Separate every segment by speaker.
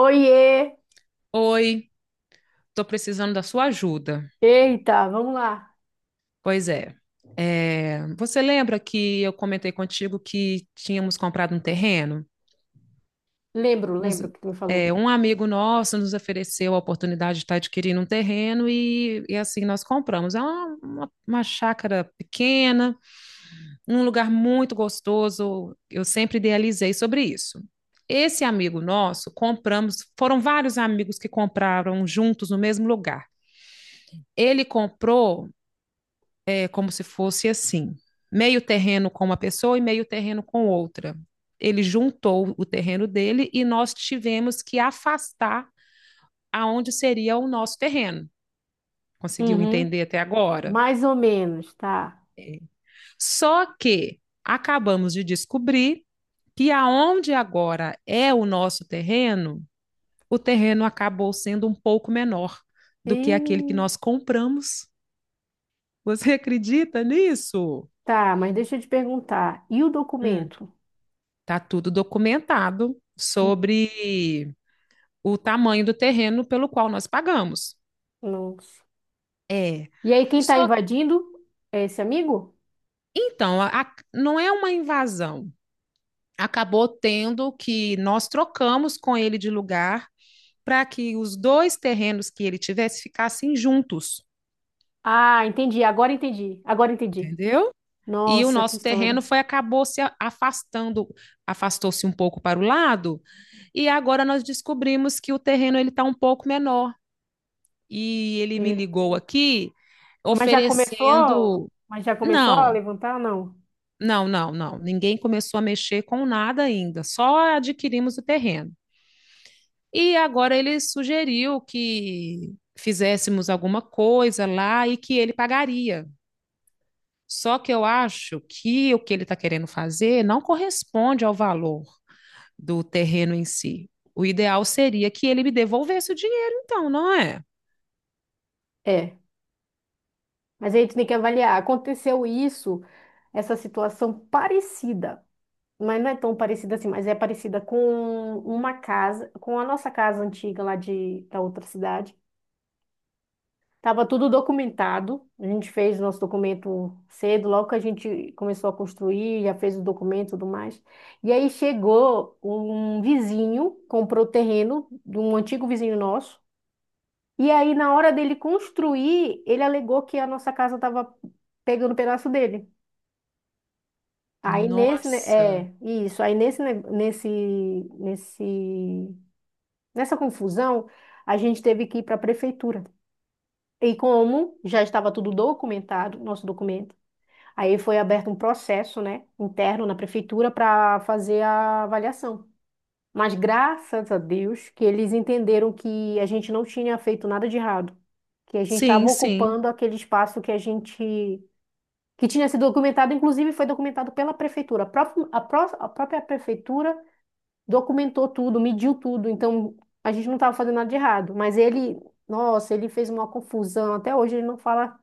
Speaker 1: Oiê!
Speaker 2: Oi, estou precisando da sua ajuda.
Speaker 1: Eita, vamos lá.
Speaker 2: Pois você lembra que eu comentei contigo que tínhamos comprado um terreno?
Speaker 1: Lembro,
Speaker 2: Uns-
Speaker 1: lembro o que tu me falou.
Speaker 2: Um amigo nosso nos ofereceu a oportunidade de estar adquirindo um terreno e assim nós compramos. É uma chácara pequena, um lugar muito gostoso. Eu sempre idealizei sobre isso. Esse amigo nosso, compramos, foram vários amigos que compraram juntos no mesmo lugar. Ele comprou é como se fosse assim: meio terreno com uma pessoa e meio terreno com outra. Ele juntou o terreno dele e nós tivemos que afastar aonde seria o nosso terreno. Conseguiu
Speaker 1: Uhum,
Speaker 2: entender até agora?
Speaker 1: mais ou menos, tá.
Speaker 2: Só que acabamos de descobrir que aonde agora é o nosso terreno, o terreno acabou sendo um pouco menor do
Speaker 1: E...
Speaker 2: que aquele que nós compramos. Você acredita nisso?
Speaker 1: Tá, mas deixa eu te perguntar. E o
Speaker 2: Hum.
Speaker 1: documento?
Speaker 2: Tá tudo documentado
Speaker 1: N-
Speaker 2: sobre o tamanho do terreno pelo qual nós pagamos.
Speaker 1: Nossa.
Speaker 2: É.
Speaker 1: E aí, quem tá
Speaker 2: Só
Speaker 1: invadindo é esse amigo?
Speaker 2: então, a- Não é uma invasão. Acabou tendo que nós trocamos com ele de lugar para que os dois terrenos que ele tivesse ficassem juntos,
Speaker 1: Ah, entendi. Agora entendi. Agora entendi.
Speaker 2: entendeu? E o
Speaker 1: Nossa, que
Speaker 2: nosso terreno
Speaker 1: história.
Speaker 2: foi acabou se afastando, afastou-se um pouco para o lado, e agora nós descobrimos que o terreno ele está um pouco menor. E ele me
Speaker 1: E-
Speaker 2: ligou aqui
Speaker 1: Mas já começou?
Speaker 2: oferecendo.
Speaker 1: Mas já começou a
Speaker 2: Não,
Speaker 1: levantar? Não.
Speaker 2: não, não, não. Ninguém começou a mexer com nada ainda, só adquirimos o terreno. E agora ele sugeriu que fizéssemos alguma coisa lá e que ele pagaria. Só que eu acho que o que ele está querendo fazer não corresponde ao valor do terreno em si. O ideal seria que ele me devolvesse o dinheiro, então, não é?
Speaker 1: É. Mas aí tu tem que avaliar. Aconteceu isso, essa situação parecida, mas não é tão parecida assim, mas é parecida com uma casa, com a nossa casa antiga lá da outra cidade. Tava tudo documentado, a gente fez nosso documento cedo, logo que a gente começou a construir, já fez o documento e tudo mais. E aí chegou um vizinho, comprou o terreno de um antigo vizinho nosso, e aí na hora dele construir, ele alegou que a nossa casa estava pegando um pedaço dele. Aí nesse, ne-
Speaker 2: Nossa.
Speaker 1: é, isso, aí nesse, ne- nesse, nesse nessa confusão, a gente teve que ir para a prefeitura. E como já estava tudo documentado, nosso documento, aí foi aberto um processo, né, interno na prefeitura para fazer a avaliação. Mas graças a Deus que eles entenderam que a gente não tinha feito nada de errado, que a gente estava
Speaker 2: Sim, sim.
Speaker 1: ocupando aquele espaço que a gente que tinha sido documentado, inclusive foi documentado pela prefeitura. A própria prefeitura documentou tudo, mediu tudo, então a gente não estava fazendo nada de errado. Mas ele, nossa, ele fez uma confusão. Até hoje ele não fala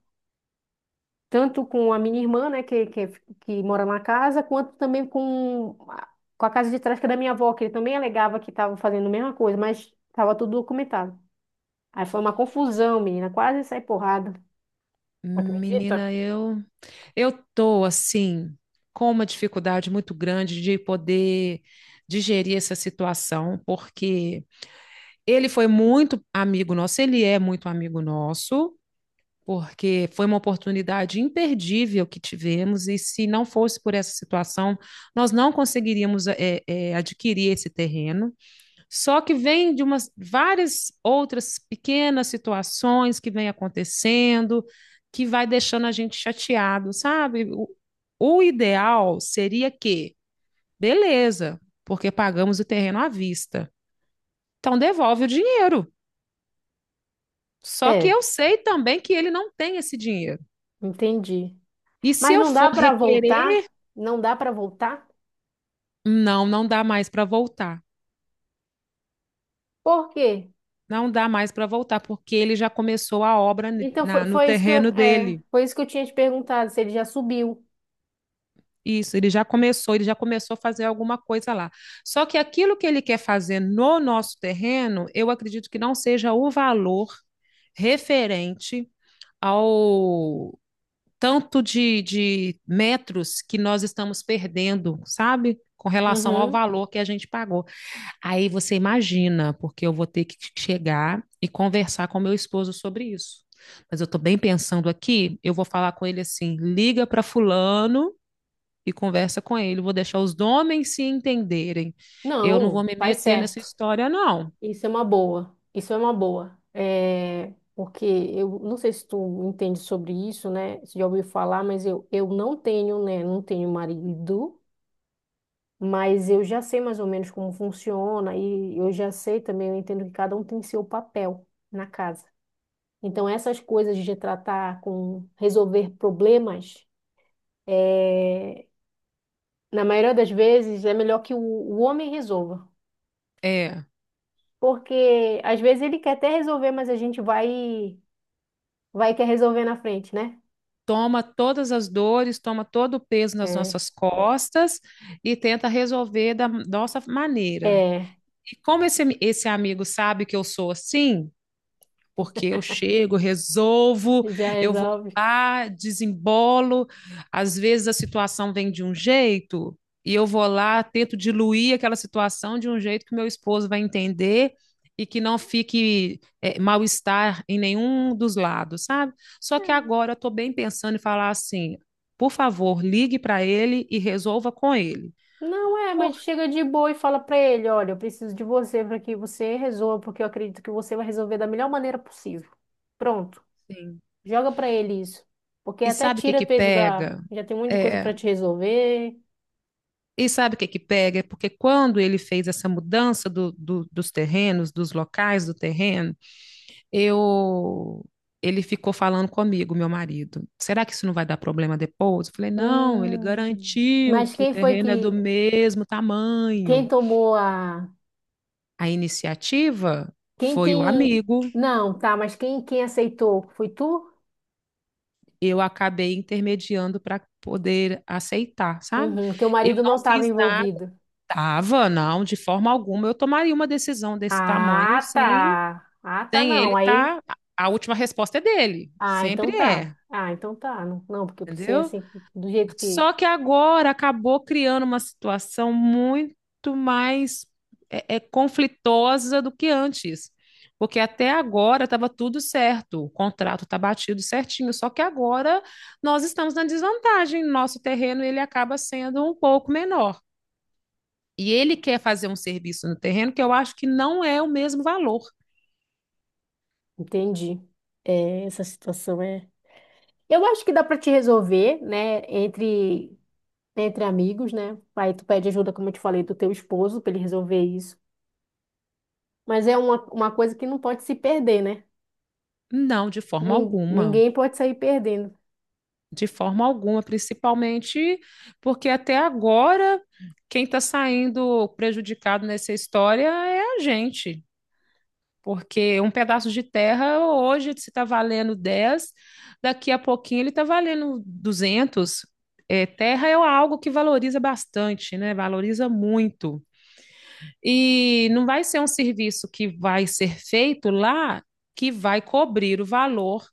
Speaker 1: tanto com a minha irmã, né, que mora na casa, quanto também com a casa de trás, que é da minha avó, que ele também alegava que estava fazendo a mesma coisa, mas estava tudo documentado. Aí foi uma confusão, menina, quase sai porrada. Acredita?
Speaker 2: Menina, eu tô assim com uma dificuldade muito grande de poder digerir essa situação, porque ele foi muito amigo nosso, ele é muito amigo nosso, porque foi uma oportunidade imperdível que tivemos, e se não fosse por essa situação, nós não conseguiríamos adquirir esse terreno. Só que vem de umas várias outras pequenas situações que vem acontecendo, que vai deixando a gente chateado, sabe? O ideal seria que, beleza, porque pagamos o terreno à vista. Então devolve o dinheiro. Só que
Speaker 1: É,
Speaker 2: eu sei também que ele não tem esse dinheiro.
Speaker 1: entendi.
Speaker 2: E se
Speaker 1: Mas
Speaker 2: eu
Speaker 1: não
Speaker 2: for
Speaker 1: dá para
Speaker 2: requerer,
Speaker 1: voltar, não dá para voltar.
Speaker 2: não, não dá mais para voltar.
Speaker 1: Por quê?
Speaker 2: Não dá mais para voltar, porque ele já começou a obra
Speaker 1: Então foi,
Speaker 2: no
Speaker 1: foi isso que eu,
Speaker 2: terreno
Speaker 1: é,
Speaker 2: dele.
Speaker 1: foi isso que eu tinha te perguntado, se ele já subiu.
Speaker 2: Isso, ele já começou a fazer alguma coisa lá. Só que aquilo que ele quer fazer no nosso terreno, eu acredito que não seja o valor referente ao tanto de metros que nós estamos perdendo, sabe? Com relação ao
Speaker 1: Uhum.
Speaker 2: valor que a gente pagou. Aí você imagina, porque eu vou ter que chegar e conversar com meu esposo sobre isso. Mas eu estou bem pensando aqui, eu vou falar com ele assim: liga para fulano e conversa com ele. Vou deixar os homens se entenderem. Eu não vou
Speaker 1: Não,
Speaker 2: me
Speaker 1: faz
Speaker 2: meter nessa
Speaker 1: certo.
Speaker 2: história, não.
Speaker 1: Isso é uma boa. Isso é uma boa. É, porque eu não sei se tu entende sobre isso, né? Se já ouviu falar, mas eu não tenho, né? Não tenho marido, mas eu já sei mais ou menos como funciona e eu já sei também, eu entendo que cada um tem seu papel na casa. Então essas coisas de tratar com resolver problemas é, na maioria das vezes, é melhor que o homem resolva.
Speaker 2: É,
Speaker 1: Porque às vezes ele quer até resolver, mas a gente vai vai quer resolver na frente, né?
Speaker 2: toma todas as dores, toma todo o peso nas
Speaker 1: É,
Speaker 2: nossas costas e tenta resolver da nossa maneira.
Speaker 1: é,
Speaker 2: E como esse amigo sabe que eu sou assim, porque eu chego, resolvo,
Speaker 1: já
Speaker 2: eu vou
Speaker 1: resolve.
Speaker 2: lá, desembolo. Às vezes a situação vem de um jeito e eu vou lá, tento diluir aquela situação de um jeito que meu esposo vai entender e que não fique mal-estar em nenhum dos lados, sabe? Só que agora eu estou bem pensando em falar assim, por favor, ligue para ele e resolva com ele.
Speaker 1: Não é,
Speaker 2: Por
Speaker 1: mas chega de boa e fala pra ele, olha, eu preciso de você para que você resolva, porque eu acredito que você vai resolver da melhor maneira possível. Pronto.
Speaker 2: quê?
Speaker 1: Joga pra ele isso. Porque
Speaker 2: E
Speaker 1: até
Speaker 2: sabe o que
Speaker 1: tira
Speaker 2: que
Speaker 1: peso da,
Speaker 2: pega?
Speaker 1: já tem um monte de coisa
Speaker 2: É,
Speaker 1: pra te resolver.
Speaker 2: E sabe o que que pega? É porque quando ele fez essa mudança do, dos terrenos, dos locais do terreno, eu ele ficou falando comigo, meu marido. Será que isso não vai dar problema depois? Eu falei, não, ele
Speaker 1: Hum.
Speaker 2: garantiu
Speaker 1: Mas
Speaker 2: que o
Speaker 1: quem foi
Speaker 2: terreno é do
Speaker 1: que
Speaker 2: mesmo
Speaker 1: quem
Speaker 2: tamanho.
Speaker 1: tomou a
Speaker 2: A iniciativa
Speaker 1: Quem,
Speaker 2: foi o
Speaker 1: quem...
Speaker 2: amigo,
Speaker 1: Não, tá, mas quem aceitou? Foi tu?
Speaker 2: eu acabei intermediando para poder aceitar, sabe?
Speaker 1: Uhum, teu
Speaker 2: Eu
Speaker 1: marido
Speaker 2: não
Speaker 1: não estava
Speaker 2: fiz nada,
Speaker 1: envolvido.
Speaker 2: tava, não, de forma alguma eu tomaria uma decisão desse tamanho
Speaker 1: Ah,
Speaker 2: sem
Speaker 1: tá. Ah, tá,
Speaker 2: Sem
Speaker 1: não.
Speaker 2: ele,
Speaker 1: Aí...
Speaker 2: tá. A última resposta é dele.
Speaker 1: Ah,
Speaker 2: Sempre
Speaker 1: então tá.
Speaker 2: é,
Speaker 1: Ah, então tá. Não, não, porque eu pensei
Speaker 2: entendeu?
Speaker 1: assim, do jeito que...
Speaker 2: Só que agora acabou criando uma situação muito mais conflitosa do que antes. Porque até agora estava tudo certo, o contrato está batido certinho, só que agora nós estamos na desvantagem, nosso terreno ele acaba sendo um pouco menor. E ele quer fazer um serviço no terreno que eu acho que não é o mesmo valor.
Speaker 1: Entendi. É, essa situação é... Eu acho que dá pra te resolver, né? Entre... Entre amigos, né? Aí tu pede ajuda, como eu te falei, do teu esposo pra ele resolver isso. Mas é uma coisa que não pode se perder, né?
Speaker 2: Não, de forma alguma.
Speaker 1: Ninguém pode sair perdendo.
Speaker 2: De forma alguma, principalmente porque até agora quem está saindo prejudicado nessa história é a gente. Porque um pedaço de terra hoje se está valendo 10, daqui a pouquinho ele está valendo 200. É, terra é algo que valoriza bastante, né? Valoriza muito. E não vai ser um serviço que vai ser feito lá que vai cobrir o valor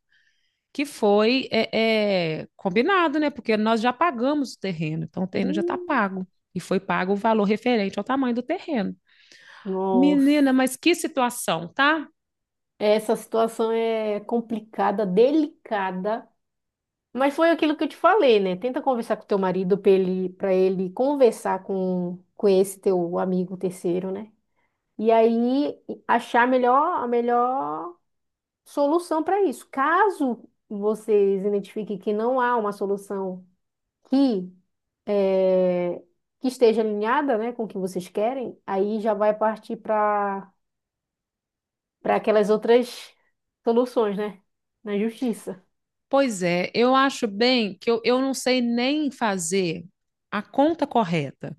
Speaker 2: que foi combinado, né? Porque nós já pagamos o terreno, então o
Speaker 1: Ih.
Speaker 2: terreno já está pago. E foi pago o valor referente ao tamanho do terreno. Menina,
Speaker 1: Nossa,
Speaker 2: mas que situação, tá?
Speaker 1: essa situação é complicada, delicada, mas foi aquilo que eu te falei, né? Tenta conversar com teu marido pra ele conversar com esse teu amigo terceiro, né? E aí achar a melhor solução para isso. Caso vocês identifiquem que não há uma solução que, eh, que esteja alinhada, né, com o que vocês querem, aí já vai partir para aquelas outras soluções, né? Na justiça.
Speaker 2: Pois é, eu acho bem que eu não sei nem fazer a conta correta,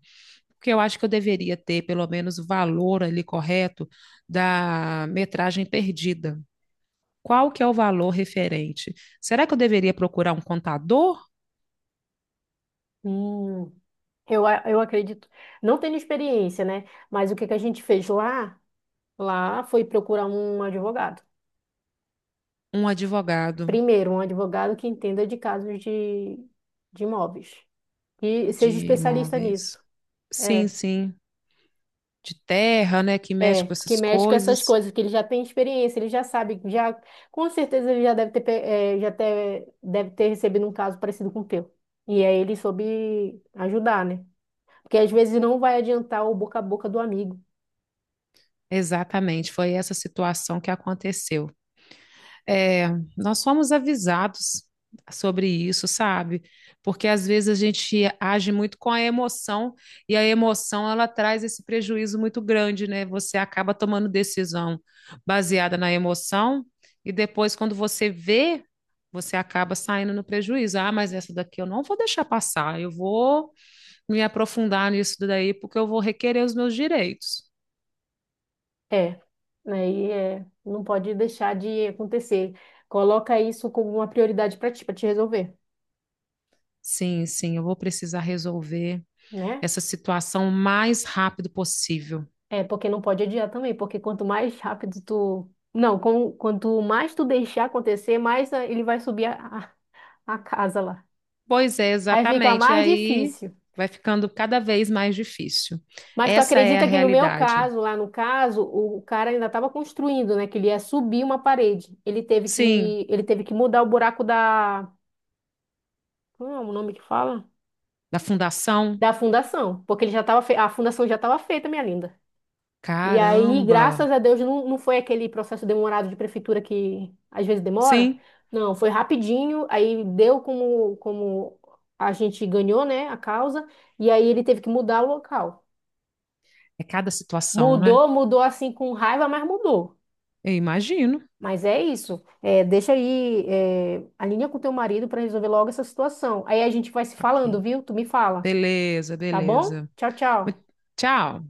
Speaker 2: porque eu acho que eu deveria ter pelo menos o valor ali correto da metragem perdida. Qual que é o valor referente? Será que eu deveria procurar um contador,
Speaker 1: Hum, eu acredito. Não tenho experiência, né? Mas o que que a gente fez lá? Lá foi procurar um advogado.
Speaker 2: um advogado
Speaker 1: Primeiro, um advogado que entenda de casos de imóveis. E seja
Speaker 2: de
Speaker 1: especialista
Speaker 2: imóveis?
Speaker 1: nisso.
Speaker 2: Sim,
Speaker 1: É,
Speaker 2: sim, de terra, né, que mexe com
Speaker 1: que
Speaker 2: essas
Speaker 1: mexe com essas
Speaker 2: coisas.
Speaker 1: coisas, que ele já tem experiência, ele já sabe, já, com certeza ele já deve ter, deve ter recebido um caso parecido com o teu. E aí ele soube ajudar, né? Porque às vezes não vai adiantar o boca a boca do amigo.
Speaker 2: Exatamente, foi essa situação que aconteceu. É, nós fomos avisados sobre isso, sabe? Porque às vezes a gente age muito com a emoção e a emoção ela traz esse prejuízo muito grande, né? Você acaba tomando decisão baseada na emoção e depois quando você vê, você acaba saindo no prejuízo. Ah, mas essa daqui eu não vou deixar passar. Eu vou me aprofundar nisso daí porque eu vou requerer os meus direitos.
Speaker 1: É, né? E é, não pode deixar de acontecer. Coloca isso como uma prioridade para ti, para te resolver,
Speaker 2: Sim, sim, eu vou precisar resolver
Speaker 1: né?
Speaker 2: essa situação o mais rápido possível.
Speaker 1: É, porque não pode adiar também, porque quanto mais rápido tu. Não, quanto mais tu deixar acontecer, mais ah, ele vai subir a casa lá.
Speaker 2: Pois é,
Speaker 1: Aí fica
Speaker 2: exatamente. E
Speaker 1: mais
Speaker 2: aí
Speaker 1: difícil.
Speaker 2: vai ficando cada vez mais difícil.
Speaker 1: Mas tu
Speaker 2: Essa é a
Speaker 1: acredita que no meu
Speaker 2: realidade.
Speaker 1: caso, lá no caso, o cara ainda estava construindo, né? Que ele ia subir uma parede.
Speaker 2: Sim,
Speaker 1: Ele teve que mudar o buraco da Como é o nome que fala?
Speaker 2: da fundação.
Speaker 1: Da fundação, porque ele já estava a fundação já estava feita, minha linda. E aí,
Speaker 2: Caramba!
Speaker 1: graças a Deus, não, não foi aquele processo demorado de prefeitura que às vezes demora.
Speaker 2: Sim,
Speaker 1: Não, foi rapidinho, aí deu como a gente ganhou, né, a causa, e aí ele teve que mudar o local.
Speaker 2: é cada situação, né?
Speaker 1: Mudou, mudou assim com raiva, mas mudou.
Speaker 2: Eu imagino.
Speaker 1: Mas é isso. É, deixa aí, é, alinha com teu marido para resolver logo essa situação. Aí a gente vai se falando,
Speaker 2: Ok.
Speaker 1: viu? Tu me fala,
Speaker 2: Beleza,
Speaker 1: tá bom?
Speaker 2: beleza.
Speaker 1: Tchau, tchau.
Speaker 2: Tchau.